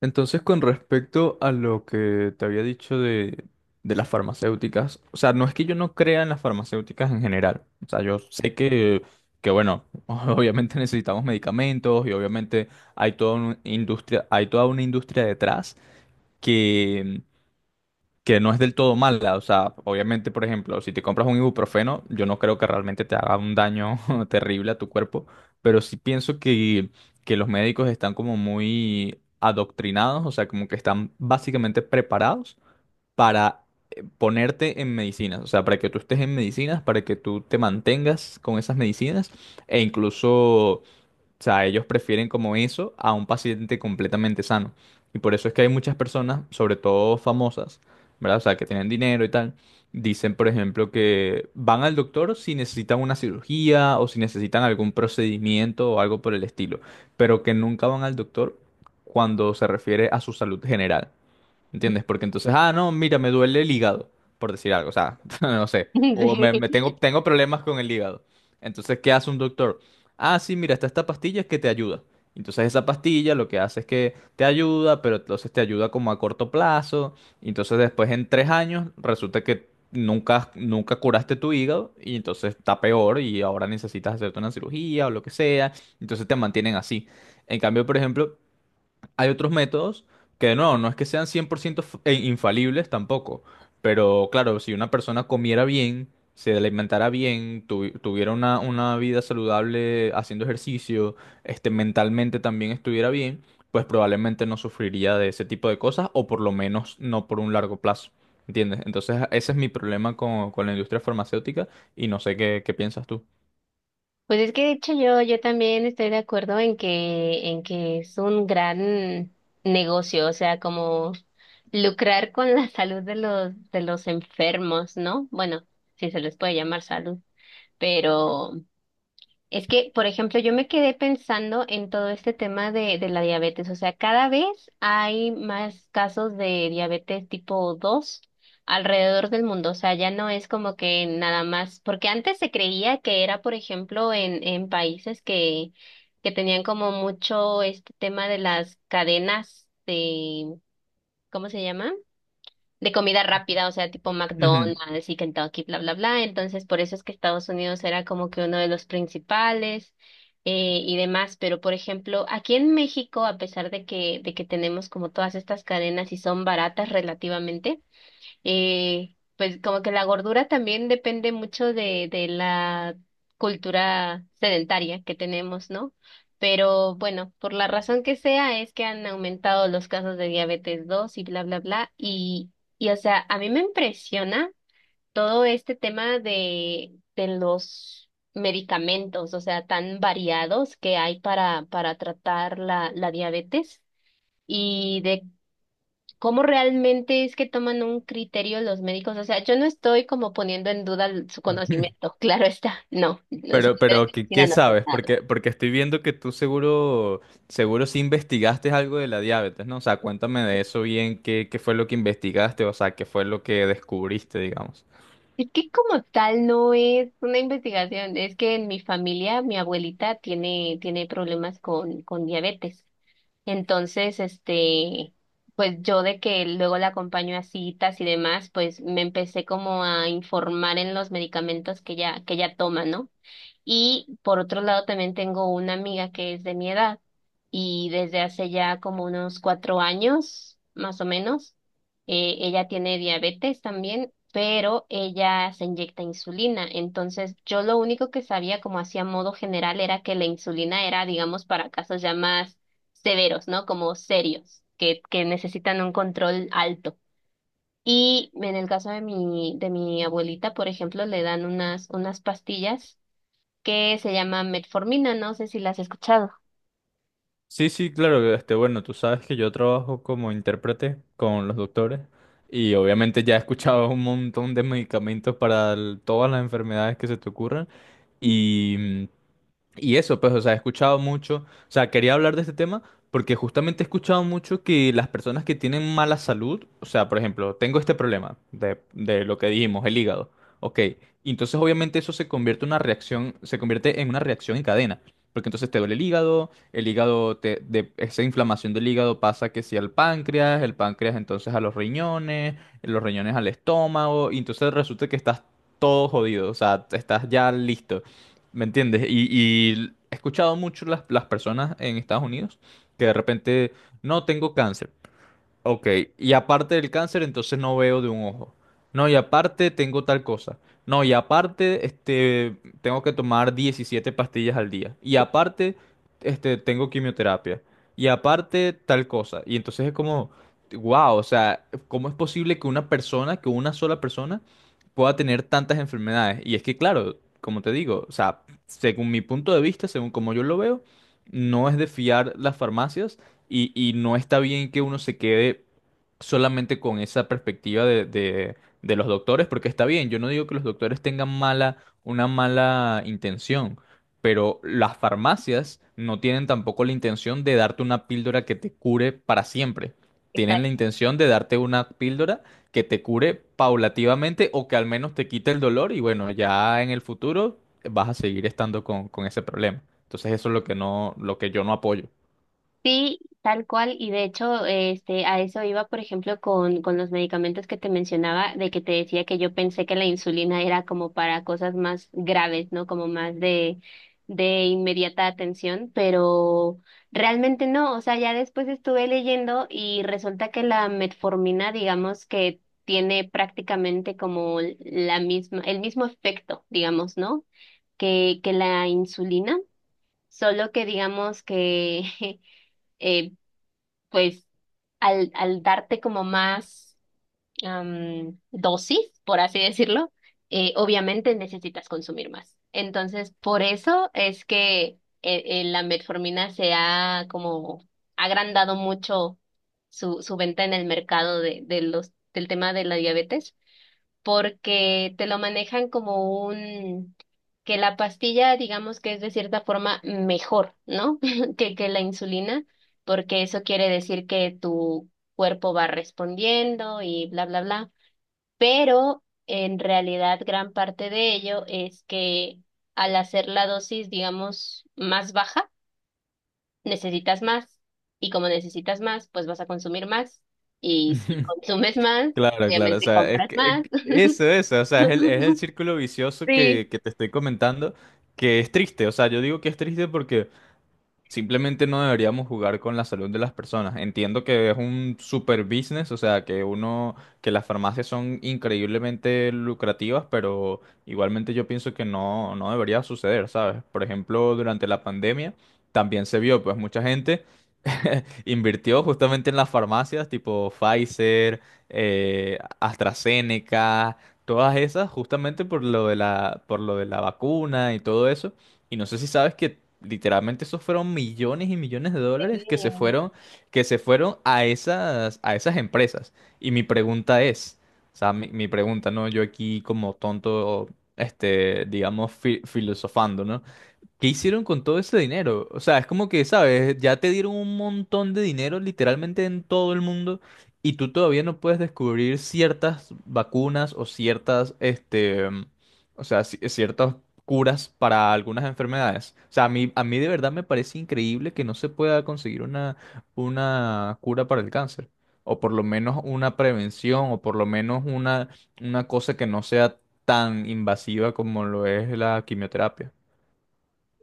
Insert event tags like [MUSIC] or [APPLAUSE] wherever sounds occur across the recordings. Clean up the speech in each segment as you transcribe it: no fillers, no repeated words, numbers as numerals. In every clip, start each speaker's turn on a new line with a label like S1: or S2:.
S1: Entonces, con respecto a lo que te había dicho de las farmacéuticas, o sea, no es que yo no crea en las farmacéuticas en general. O sea, yo sé que bueno, [LAUGHS] obviamente necesitamos medicamentos y obviamente hay toda una industria detrás que no es del todo mala. O sea, obviamente, por ejemplo, si te compras un ibuprofeno, yo no creo que realmente te haga un daño [LAUGHS] terrible a tu cuerpo, pero sí pienso que los médicos están como muy adoctrinados, o sea, como que están básicamente preparados para ponerte en medicinas, o sea, para que tú estés en medicinas, para que tú te mantengas con esas medicinas e incluso... O sea, ellos prefieren como eso a un paciente completamente sano. Y por eso es que hay muchas personas, sobre todo famosas, ¿verdad? O sea, que tienen dinero y tal, dicen, por ejemplo, que van al doctor si necesitan una cirugía o si necesitan algún procedimiento o algo por el estilo, pero que nunca van al doctor cuando se refiere a su salud general. ¿Entiendes? Porque entonces, ah, no, mira, me duele el hígado, por decir algo, o sea, [LAUGHS] no sé, o
S2: [LAUGHS] Sí.
S1: tengo problemas con el hígado. Entonces, ¿qué hace un doctor? Ah, sí, mira, está esta pastilla que te ayuda. Entonces, esa pastilla lo que hace es que te ayuda, pero entonces te ayuda como a corto plazo. Y entonces, después en tres años, resulta que nunca curaste tu hígado y entonces está peor y ahora necesitas hacerte una cirugía o lo que sea. Entonces, te mantienen así. En cambio, por ejemplo... Hay otros métodos que no es que sean 100% infalibles tampoco, pero claro, si una persona comiera bien, se alimentara bien, tuviera una vida saludable haciendo ejercicio, este, mentalmente también estuviera bien, pues probablemente no sufriría de ese tipo de cosas o por lo menos no por un largo plazo. ¿Entiendes? Entonces ese es mi problema con la industria farmacéutica y no sé qué piensas tú.
S2: Pues es que de hecho yo también estoy de acuerdo en que es un gran negocio, o sea, como lucrar con la [LAUGHS] salud de los enfermos, ¿no? Bueno, si se les puede llamar salud, pero es que, por ejemplo, yo me quedé pensando en todo este tema de la diabetes. O sea, cada vez hay más casos de diabetes tipo 2 alrededor del mundo. O sea, ya no es como que nada más, porque antes se creía que era, por ejemplo, en países que tenían como mucho este tema de las cadenas de, ¿cómo se llama?, de comida rápida, o sea, tipo
S1: Ujú.
S2: McDonald's y Kentucky, bla, bla, bla. Entonces, por eso es que Estados Unidos era como que uno de los principales, y demás. Pero, por ejemplo, aquí en México, a pesar de que tenemos como todas estas cadenas y son baratas relativamente, pues como que la gordura también depende mucho de la cultura sedentaria que tenemos, ¿no? Pero bueno, por la razón que sea, es que han aumentado los casos de diabetes 2 y bla, bla, bla. Y o sea, a mí me impresiona todo este tema de los medicamentos, o sea, tan variados que hay para tratar la diabetes y de cómo realmente es que toman un criterio los médicos. O sea, yo no estoy como poniendo en duda su
S1: [LAUGHS]
S2: conocimiento, [LAUGHS] claro está, no, los
S1: Pero,
S2: saber de
S1: pero,
S2: medicina
S1: ¿qué
S2: no sé
S1: sabes?
S2: nada.
S1: Porque estoy viendo que tú seguro, seguro sí investigaste algo de la diabetes, ¿no? O sea, cuéntame de eso bien, qué fue lo que investigaste, o sea, qué fue lo que descubriste, digamos.
S2: Es que como tal no es una investigación, es que en mi familia mi abuelita tiene problemas con diabetes. Entonces, este, pues yo de que luego la acompaño a citas y demás, pues me empecé como a informar en los medicamentos que ella toma, ¿no? Y por otro lado, también tengo una amiga que es de mi edad y desde hace ya como unos 4 años, más o menos, ella tiene diabetes también, pero ella se inyecta insulina. Entonces, yo lo único que sabía como hacía modo general era que la insulina era, digamos, para casos ya más severos, ¿no? Como serios, que necesitan un control alto. Y en el caso de mi abuelita, por ejemplo, le dan unas pastillas que se llama metformina, no sé si la has escuchado.
S1: Sí, sí, claro, este, bueno, tú sabes que yo trabajo como intérprete con los doctores y obviamente ya he escuchado un montón de medicamentos para todas las enfermedades que se te ocurran y y eso, pues, o sea, he escuchado mucho, o sea, quería hablar de este tema porque justamente he escuchado mucho que las personas que tienen mala salud, o sea, por ejemplo, tengo este problema de lo que dijimos, el hígado, ok, y entonces obviamente eso se convierte en una reacción, se convierte en una reacción en cadena, porque entonces te duele el hígado, de esa inflamación del hígado pasa que si al páncreas, el páncreas entonces a los riñones al estómago, y entonces resulta que estás todo jodido, o sea, estás ya listo. ¿Me entiendes? Y he escuchado mucho las personas en Estados Unidos que de repente, no tengo cáncer, ok, y aparte del cáncer, entonces no veo de un ojo. No, y aparte tengo tal cosa. No, y aparte, este, tengo que tomar 17 pastillas al día. Y aparte, este, tengo quimioterapia. Y aparte, tal cosa. Y entonces es como, wow, o sea, ¿cómo es posible que una persona, que una sola persona, pueda tener tantas enfermedades? Y es que, claro, como te digo, o sea, según mi punto de vista, según como yo lo veo, no es de fiar las farmacias y no está bien que uno se quede solamente con esa perspectiva de los doctores, porque está bien, yo no digo que los doctores tengan una mala intención, pero las farmacias no tienen tampoco la intención de darte una píldora que te cure para siempre. Tienen la
S2: Exacto.
S1: intención de darte una píldora que te cure paulativamente o que al menos te quite el dolor y bueno, ya en el futuro vas a seguir estando con ese problema. Entonces eso es lo que no, lo que yo no apoyo.
S2: Sí, tal cual, y de hecho, este, a eso iba, por ejemplo, con los medicamentos que te mencionaba, de que te decía que yo pensé que la insulina era como para cosas más graves, ¿no? Como más de inmediata atención, pero realmente no, o sea, ya después estuve leyendo y resulta que la metformina, digamos que tiene prácticamente como la misma, el mismo efecto, digamos, ¿no?, que la insulina, solo que digamos que, [LAUGHS] eh, pues, al darte como más dosis, por así decirlo, obviamente necesitas consumir más. Entonces, por eso es que la metformina se ha como agrandado mucho su venta en el mercado de los, del tema de la diabetes, porque te lo manejan como un, que la pastilla, digamos que es de cierta forma mejor, ¿no? [LAUGHS] que la insulina, porque eso quiere decir que tu cuerpo va respondiendo y bla, bla, bla. Pero en realidad gran parte de ello es que al hacer la dosis, digamos, más baja, necesitas más. Y como necesitas más, pues vas a consumir más. Y si
S1: [LAUGHS]
S2: consumes más,
S1: Claro, claro, o
S2: obviamente
S1: sea, es
S2: compras
S1: que es
S2: más.
S1: que eso, o sea, es el
S2: [LAUGHS]
S1: círculo vicioso
S2: Sí,
S1: que te estoy comentando, que es triste, o sea, yo digo que es triste porque simplemente no deberíamos jugar con la salud de las personas. Entiendo que es un super business, o sea, que uno, que las farmacias son increíblemente lucrativas, pero igualmente yo pienso que no debería suceder, ¿sabes? Por ejemplo, durante la pandemia también se vio, pues mucha gente invirtió justamente en las farmacias tipo Pfizer, AstraZeneca, todas esas, justamente por lo de por lo de la vacuna y todo eso. Y no sé si sabes que literalmente esos fueron millones y millones de dólares
S2: sí.
S1: que se fueron a a esas empresas. Y mi pregunta es, o sea, mi pregunta, ¿no? Yo aquí como tonto, este, digamos, filosofando, ¿no? ¿Qué hicieron con todo ese dinero? O sea, es como que, ¿sabes? Ya te dieron un montón de dinero literalmente en todo el mundo y tú todavía no puedes descubrir ciertas vacunas o ciertas, este, o sea, ciertas curas para algunas enfermedades. O sea, a mí de verdad me parece increíble que no se pueda conseguir una cura para el cáncer. O por lo menos una prevención, o por lo menos una cosa que no sea tan invasiva como lo es la quimioterapia.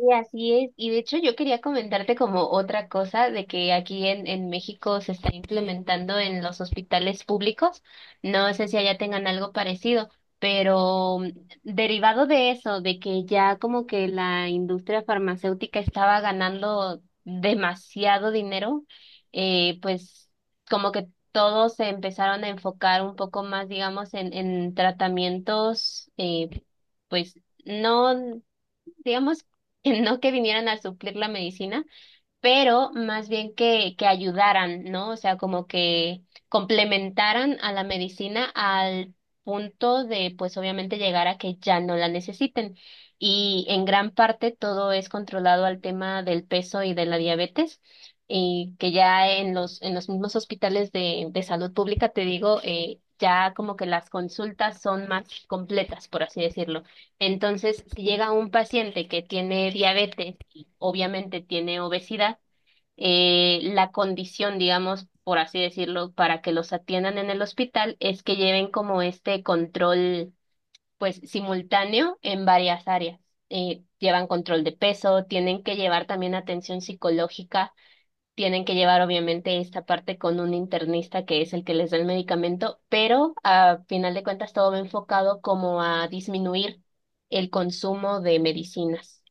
S2: Y así es. Y de hecho yo quería comentarte como otra cosa de que aquí en México se está implementando en los hospitales públicos. No sé si allá tengan algo parecido, pero derivado de eso, de que ya como que la industria farmacéutica estaba ganando demasiado dinero, pues como que todos se empezaron a enfocar un poco más, digamos, en tratamientos, pues no digamos que no, que vinieran a suplir la medicina, pero más bien que ayudaran, ¿no? O sea, como que complementaran a la medicina al punto de, pues obviamente, llegar a que ya no la necesiten. Y en gran parte todo es controlado al tema del peso y de la diabetes. Y que ya en los mismos hospitales de salud pública, te digo, ya como que las consultas son más completas, por así decirlo. Entonces, si llega un paciente que tiene diabetes, obviamente tiene obesidad, la condición, digamos, por así decirlo, para que los atiendan en el hospital es que lleven como este control, pues, simultáneo en varias áreas. Llevan control de peso, tienen que llevar también atención psicológica, tienen que llevar obviamente esta parte con un internista que es el que les da el medicamento, pero a final de cuentas todo va enfocado como a disminuir el consumo de medicinas.